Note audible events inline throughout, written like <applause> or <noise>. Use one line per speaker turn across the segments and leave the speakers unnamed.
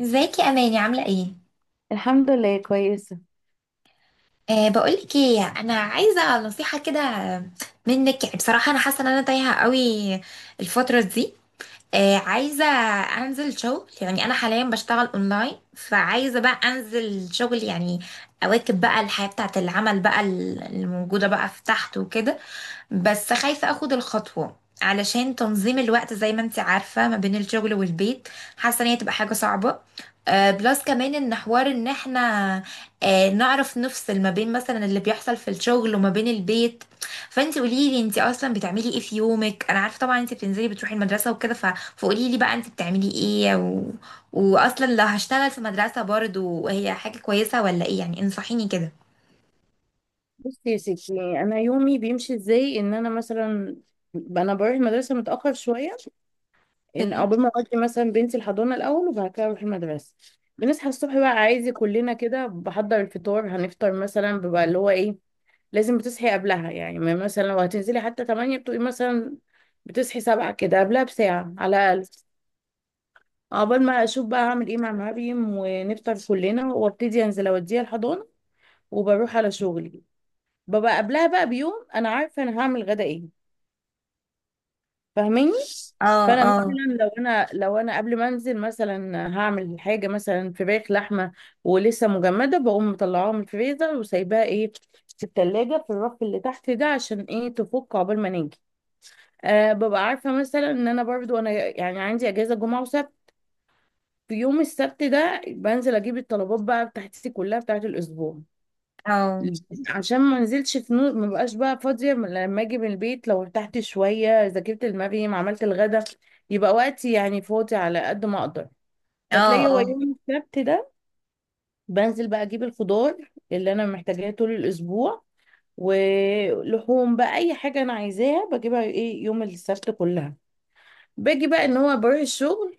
ازيك يا اماني، عامله ايه؟
الحمد لله كويسة.
بقولك ايه، انا عايزه نصيحه كده منك، يعني بصراحه انا حاسه ان انا تايهه قوي الفتره دي. عايزه انزل شغل، يعني انا حاليا بشتغل اونلاين، فعايزه بقى انزل شغل يعني اواكب بقى الحياه بتاعه العمل بقى الموجوده بقى في تحت وكده. بس خايفة اخد الخطوة علشان تنظيم الوقت، زي ما انت عارفة، ما بين الشغل والبيت. حاسة ان هي تبقى حاجة صعبة. بلس كمان ان حوار ان احنا نعرف نفصل ما بين مثلا اللي بيحصل في الشغل وما بين البيت. فانت قولي لي، انت اصلا بتعملي ايه في يومك؟ انا عارفة طبعا انت بتنزلي بتروحي المدرسة وكده، فقولي لي بقى انت بتعملي ايه، واصلا لو هشتغل في مدرسة برضو هي حاجة كويسة ولا ايه؟ يعني انصحيني كده.
بصي يا ستي، انا يومي بيمشي ازاي؟ ان انا مثلا انا بروح المدرسه متاخر شويه، ان
اوكي.
عقبال ما اودي مثلا بنتي الحضانه الاول وبعد كده اروح المدرسه. بنصحى الصبح بقى، عايزه كلنا كده بحضر الفطار، هنفطر مثلا، بيبقى اللي هو ايه لازم بتصحي قبلها، يعني ما مثلا لو هتنزلي حتى 8 بتبقي مثلا بتصحي 7 كده قبلها بساعه على الاقل. عقبال ما اشوف بقى هعمل ايه مع مريم ونفطر كلنا وابتدي انزل اوديها الحضانه وبروح على شغلي. ببقى قبلها بقى بيوم انا عارفه انا هعمل غدا ايه. فاهماني؟
اه،
فانا
اه.
مثلا لو انا قبل ما انزل مثلا هعمل حاجه مثلا فراخ لحمه ولسه مجمده، بقوم مطلعاها من الفريزر وسايباها ايه في التلاجة في الرف اللي تحت ده عشان ايه تفك عقبال ما نيجي. أه ببقى عارفه مثلا ان انا برضو انا يعني عندي اجازه جمعه وسبت. في يوم السبت ده بنزل اجيب الطلبات بقى بتاعتي كلها بتاعت الاسبوع،
اه،
عشان ما نزلتش في نور ما بقاش بقى فاضية لما اجي من البيت لو ارتحت شوية ذاكرت المريم عملت الغدا، يبقى وقتي يعني فاضي على قد ما اقدر.
اه.
فتلاقي هو
اه،
يوم السبت ده بنزل بقى اجيب الخضار اللي انا محتاجاه طول الاسبوع ولحوم بقى، اي حاجة انا عايزاها بجيبها ايه يوم السبت كلها. باجي بقى ان هو بروح الشغل،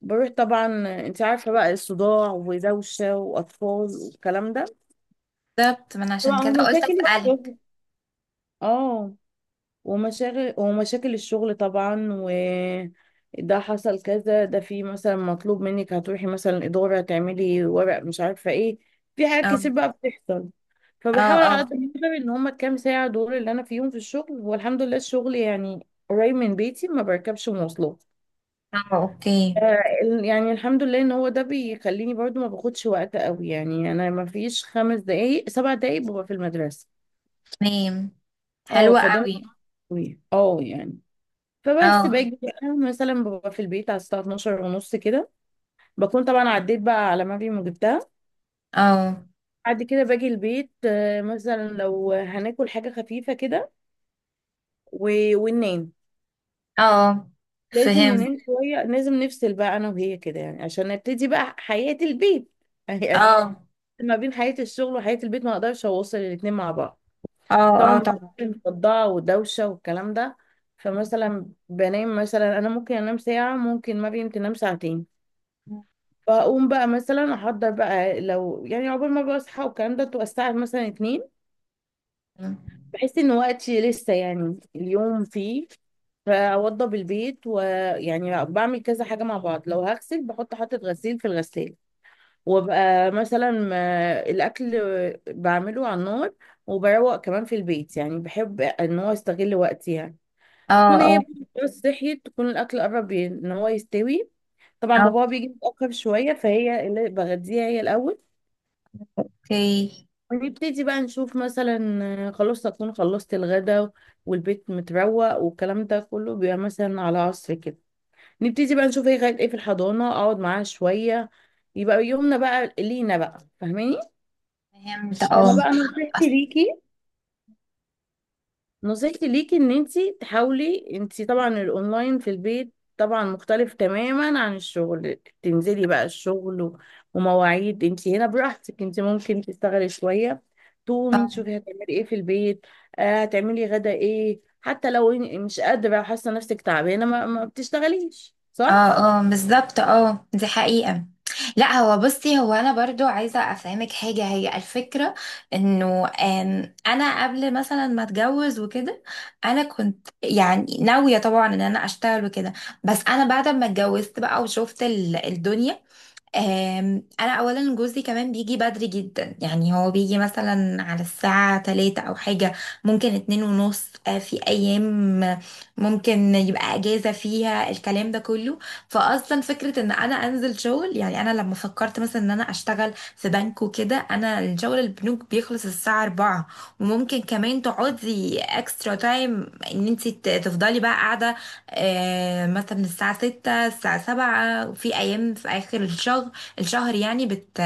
بروح طبعا. انت عارفة بقى الصداع ودوشة واطفال والكلام ده.
بالظبط، ما انا عشان
طبعا
كده
هم
قلت
ساكن
اسالك.
الشغل، اه، ومشاغل ومشاكل الشغل طبعا، و ده حصل كذا ده في مثلا مطلوب منك هتروحي مثلا إدارة تعملي ورق، مش عارفة ايه، في حاجات
اه،
كتير بقى بتحصل.
اه.
فبحاول على
اه،
قد ما اقدر ان هما الكام ساعة دول اللي انا فيهم في الشغل، والحمد لله الشغل يعني قريب من بيتي ما بركبش مواصلات.
اه اوكي.
آه، يعني الحمد لله ان هو ده بيخليني برضو ما باخدش وقت قوي، يعني انا ما فيش 5 دقايق 7 دقايق ببقى في المدرسة.
تمام.
اه
حلوه
فده مش
قوي.
قوي اه يعني. فبس
اه،
باجي بقى مثلا ببقى في البيت على الساعة 12 ونص كده. بكون طبعا عديت بقى على ما جبتها.
اه.
بعد كده باجي البيت، آه، مثلا لو هناكل حاجة خفيفة كده و- وننام.
اه،
لازم
فهمت.
ننام شوية، لازم نفصل بقى أنا وهي كده يعني عشان نبتدي بقى حياة البيت <laughs> يعني،
اه،
ما بين حياة الشغل وحياة البيت، ما أقدرش أوصل الاتنين مع بعض.
اه
طبعا
اه
بكون
طبعا.
مصدعة ودوشة والكلام ده. فمثلا بنام مثلا أنا ممكن أنام ساعة، ممكن ما بنت تنام ساعتين. بقوم بقى مثلا احضر بقى، لو يعني عقبال ما بقى اصحى والكلام ده تبقى الساعه مثلا اتنين.
اه،
بحس ان وقتي لسه يعني اليوم فيه، فاوضب البيت ويعني بعمل كذا حاجه مع بعض، لو هغسل بحط حاطه غسيل في الغساله، وابقى مثلا الاكل بعمله على النار، وبروق كمان في البيت، يعني بحب ان هو استغل وقتي يعني. تكون
اه.
هي بس صحيت تكون الاكل قرب ان هو يستوي. طبعا
آه،
بابا بيجي متاخر شويه، فهي اللي بغديها هي الاول.
اوكي.
ونبتدي بقى نشوف مثلا، آه، خلاص أكون خلصت الغدا والبيت متروق والكلام ده كله، بيبقى مثلا على عصر كده. نبتدي بقى نشوف هي غاية ايه في الحضانة، اقعد معاها شوية، يبقى يومنا بقى لينا بقى. فاهماني؟
فهمت،
فانا
اه.
بقى نصيحتي
أص-
ليكي، نصيحتي ليكي ان انتي تحاولي، انتي طبعا الاونلاين في البيت طبعا مختلف تماما عن الشغل. تنزلي بقى الشغل و- ومواعيد انتي هنا براحتك، انتي ممكن تشتغلي شوية تقومي
اه،
تشوفي هتعملي ايه في البيت، آه هتعملي غدا ايه. حتى لو مش قادرة وحاسة نفسك تعبانة ما بتشتغليش صح؟
اه. اه، بالظبط اه، دي حقيقة. لا، هو بصي، هو انا برضو عايزة افهمك حاجة، هي الفكرة انه انا قبل مثلا ما اتجوز وكده انا كنت يعني ناوية طبعا ان انا اشتغل وكده. بس انا بعد ما اتجوزت بقى وشفت الدنيا. انا اولا جوزي كمان بيجي بدري جدا، يعني هو بيجي مثلا على الساعة تلاتة او حاجة، ممكن اتنين ونص. في ايام ممكن يبقى اجازة فيها الكلام ده كله. فاصلا فكرة ان انا انزل شغل، يعني انا لما فكرت مثلا ان انا اشتغل في بنك وكده، انا الشغل البنوك بيخلص الساعة 4، وممكن كمان تقعدي اكسترا تايم، ان انت تفضلي بقى قاعدة مثلا الساعة ستة الساعة سبعة في أيام في آخر الشهر. الشهر يعني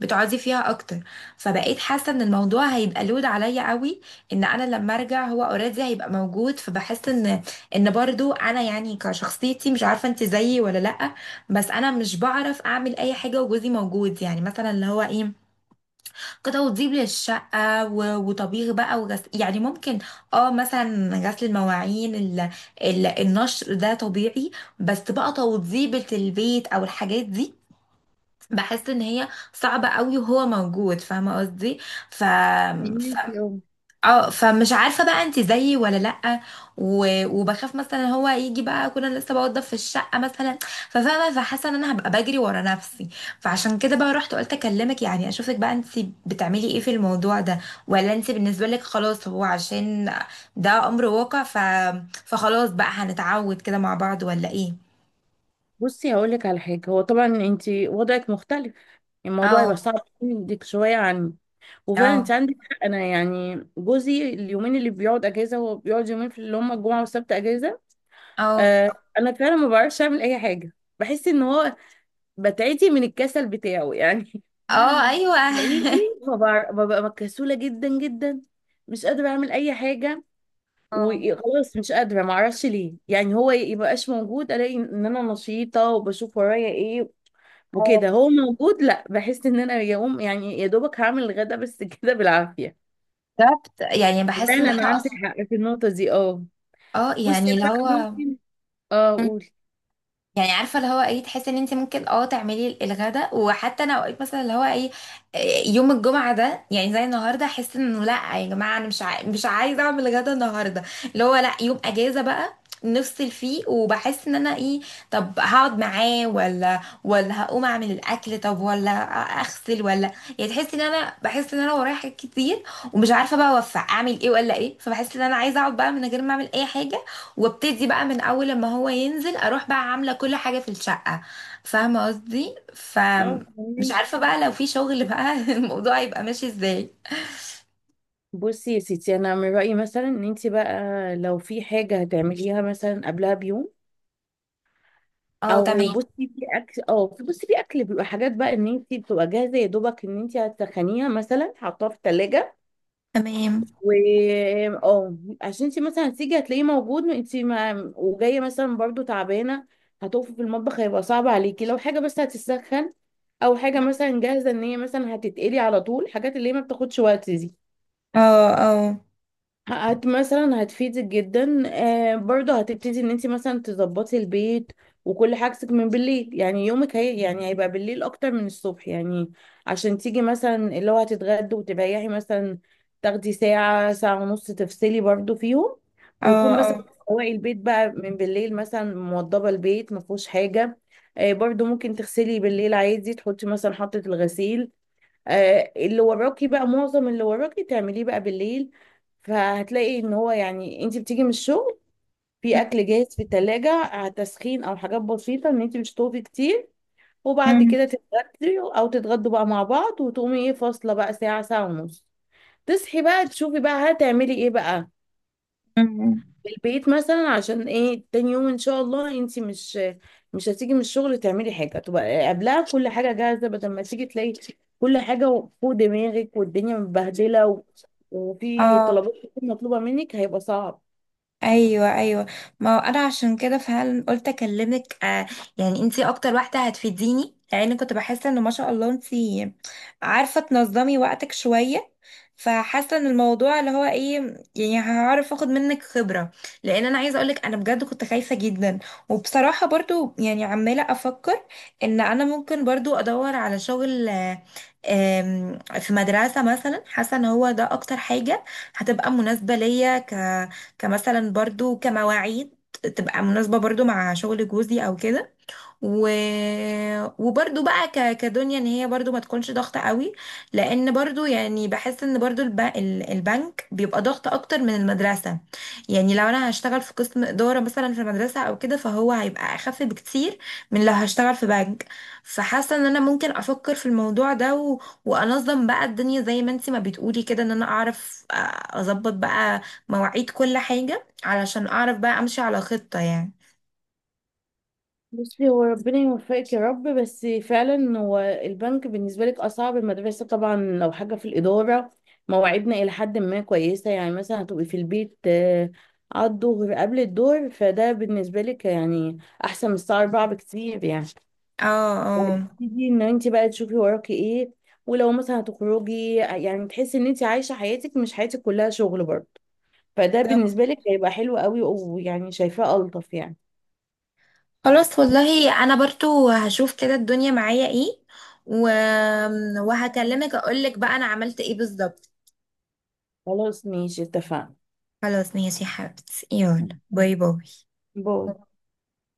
بتقعدي فيها أكتر. فبقيت حاسة إن الموضوع هيبقى لود عليا قوي، إن أنا لما أرجع هو أوريدي هيبقى موجود. فبحس إن برضو أنا يعني كشخصيتي، مش عارفة أنت زيي ولا لأ، بس أنا مش بعرف أعمل أي حاجة وجوزي موجود. يعني مثلا اللي هو إيه كده، وتزيب للشقة وطبيخ بقى وغسل، يعني ممكن اه مثلا غسل المواعين النشر ده طبيعي. بس بقى توضيبة البيت او الحاجات دي بحس ان هي صعبة قوي وهو موجود، فاهمة قصدي؟ ف... ف...
فهميكي اه.
اه، فمش عارفه بقى انت زيي ولا لا. وبخاف مثلا هو يجي بقى كنا لسه بوضب في الشقه مثلا، ففاهمه، فحاسه ان انا هبقى بجري ورا نفسي. فعشان كده بقى رحت قلت اكلمك، يعني اشوفك بقى انت بتعملي ايه في الموضوع ده، ولا انت بالنسبه لك خلاص هو عشان ده امر واقع؟ فخلاص بقى هنتعود كده مع بعض ولا ايه؟
بصي هقولك على حاجة، هو طبعا انتي وضعك مختلف، الموضوع يبقى
اه،
صعب عندك شوية عن، وفعلا انت
اه.
عندك حق. انا يعني جوزي اليومين اللي بيقعد اجازه هو بيقعد يومين في اللي هم الجمعه والسبت اجازه.
اه،
آه، انا فعلا ما بعرفش اعمل اي حاجه، بحس ان هو بتعتي من الكسل بتاعه يعني.
اه
<laughs>
ايوه
حقيقي
<laughs>
ما بعرف، ببقى كسوله جدا جدا، مش قادره اعمل اي حاجه،
اه،
وخلاص مش قادره ما اعرفش ليه. يعني هو يبقاش موجود الاقي ان انا نشيطه وبشوف ورايا ايه، وكده
اه
هو موجود لا، بحس ان انا يوم يعني يا دوبك هعمل الغدا بس <laughs> كده بالعافيه.
بالظبط، يعني بحس ان
فعلا
احنا
عندك
اصلا.
حق في النقطة دي اه.
اه،
بصي
يعني
انا
اللي
بقى
هو
ممكن، اه قولي.
يعني عارفه اللي هو ايه، تحسي ان انت ممكن اه تعملي الغداء، وحتى انا اوقات مثلا اللي هو ايه يوم الجمعه ده يعني زي النهارده احس انه لا يا جماعه، انا مش مش عايزه اعمل غدا النهارده، اللي هو لا، يوم اجازه بقى نفصل فيه. وبحس ان انا ايه، طب هقعد معاه، ولا هقوم اعمل الاكل، طب ولا اغسل ولا. يعني تحسي ان انا بحس ان انا ورايا حاجات كتير ومش عارفه بقى اوفق اعمل ايه ولا ايه. فبحس ان انا عايزه اقعد بقى من غير ما اعمل اي حاجه، وابتدي بقى من اول لما هو ينزل اروح بقى عامله كل حاجه في الشقه، فاهمه قصدي؟
اه
فمش
فهميك.
عارفه بقى لو في شغل بقى <laughs> الموضوع هيبقى ماشي ازاي.
بصي يا ستي، انا من رأيي مثلا ان انت بقى لو في حاجة هتعمليها مثلا قبلها بيوم،
اه
او
تمام.
بصي في اكل، اه، بصي في اكل بيبقى حاجات بقى ان انت بتبقى جاهزة يا دوبك ان انت هتسخنيها مثلا، حطها في التلاجة،
تمام.
و اه، عشان انت مثلا هتيجي هتلاقيه موجود، انت ما وجايه مثلا برضو تعبانه، هتقفي في المطبخ هيبقى صعب عليكي. لو حاجه بس هتسخن او حاجه مثلا جاهزه ان هي مثلا هتتقلي على طول، حاجات اللي هي ما بتاخدش وقت دي،
اه، اه.
مثلا هتفيدك جدا. آه برضه هتبتدي ان انت مثلا تظبطي البيت وكل حاجتك من بالليل، يعني يومك هي يعني هيبقى بالليل اكتر من الصبح يعني، عشان تيجي مثلا اللي هو هتتغدي وتريحي مثلا، تاخدي ساعة ساعة ونص تفصلي برضه فيهم،
اه،
ويكون مثلا
اه.
تروقي البيت بقى من بالليل، مثلا موضبة البيت ما فيهوش حاجة. آه برضه ممكن تغسلي بالليل عادي، تحطي مثلا حطة الغسيل، آه، اللي وراكي بقى معظم اللي وراكي تعمليه بقى بالليل. فهتلاقي ان هو يعني انت بتيجي من الشغل في
أم،
اكل جاهز في التلاجة على تسخين او حاجات بسيطة ان انت مش تطوفي كتير، وبعد
أم،
كده تتغدي او تتغدوا بقى مع بعض، وتقومي ايه فاصلة بقى ساعة ساعة ونص، تصحي بقى تشوفي بقى هتعملي ايه بقى
أم، أم.
البيت مثلا، عشان ايه تاني يوم ان شاء الله انت مش هتيجي من الشغل تعملي حاجه، تبقى قبلها كل حاجه جاهزه بدل ما تيجي تلاقي كل حاجه فوق دماغك والدنيا متبهدله و... وفي
اه،
طلبات كتير مطلوبه منك هيبقى صعب.
ايوه، ايوه، ما هو انا عشان كده فعلا قلت اكلمك آه، يعني انتي اكتر واحده هتفيديني، لان كنت بحس ان ما شاء الله انتي عارفه تنظمي وقتك شويه. فحاسه ان الموضوع اللي هو ايه، يعني هعرف اخد منك خبره، لان انا عايزه اقولك انا بجد كنت خايفه جدا. وبصراحه برضو يعني عماله افكر ان انا ممكن برضو ادور على شغل في مدرسه مثلا. حاسه ان هو ده اكتر حاجه هتبقى مناسبه ليا كمثلا، برضو كمواعيد تبقى مناسبة برضو مع شغل جوزي او كده. و... وبرضو بقى كدنيا ان هي برضو ما تكونش ضغطة قوي، لان برضو يعني بحس ان برضو البنك بيبقى ضغط اكتر من المدرسة. يعني لو انا هشتغل في قسم ادارة مثلا في المدرسة او كده فهو هيبقى اخف بكتير من لو هشتغل في بنك. فحاسة ان انا ممكن افكر في الموضوع ده، وانظم بقى الدنيا زي ما انتي ما بتقولي كده، ان انا اعرف اظبط بقى مواعيد كل حاجة، علشان اعرف بقى امشي على خطة يعني.
بصي هو ربنا يوفقك يا رب، بس فعلا هو البنك بالنسبة لك أصعب. المدرسة طبعا لو حاجة في الإدارة، مواعيدنا إلى حد ما كويسة يعني، مثلا هتبقي في البيت آه، على الظهر قبل الظهر، فده بالنسبة لك يعني أحسن من الساعة 4 بكتير يعني،
اه، اه
تبتدي إن أنت بقى تشوفي وراكي إيه، ولو مثلا هتخرجي يعني تحسي إن أنت عايشة حياتك مش حياتك كلها شغل برضه. فده
بالظبط.
بالنسبة لك هيبقى حلو قوي، ويعني شايفاه ألطف يعني.
خلاص، والله انا برضو هشوف كده الدنيا معايا ايه، و... وهكلمك اقولك بقى انا عملت ايه بالظبط.
خلاص ماشي اتفقنا.
خلاص، ماشي يا حبيبتي، يلا، باي باي.
باي.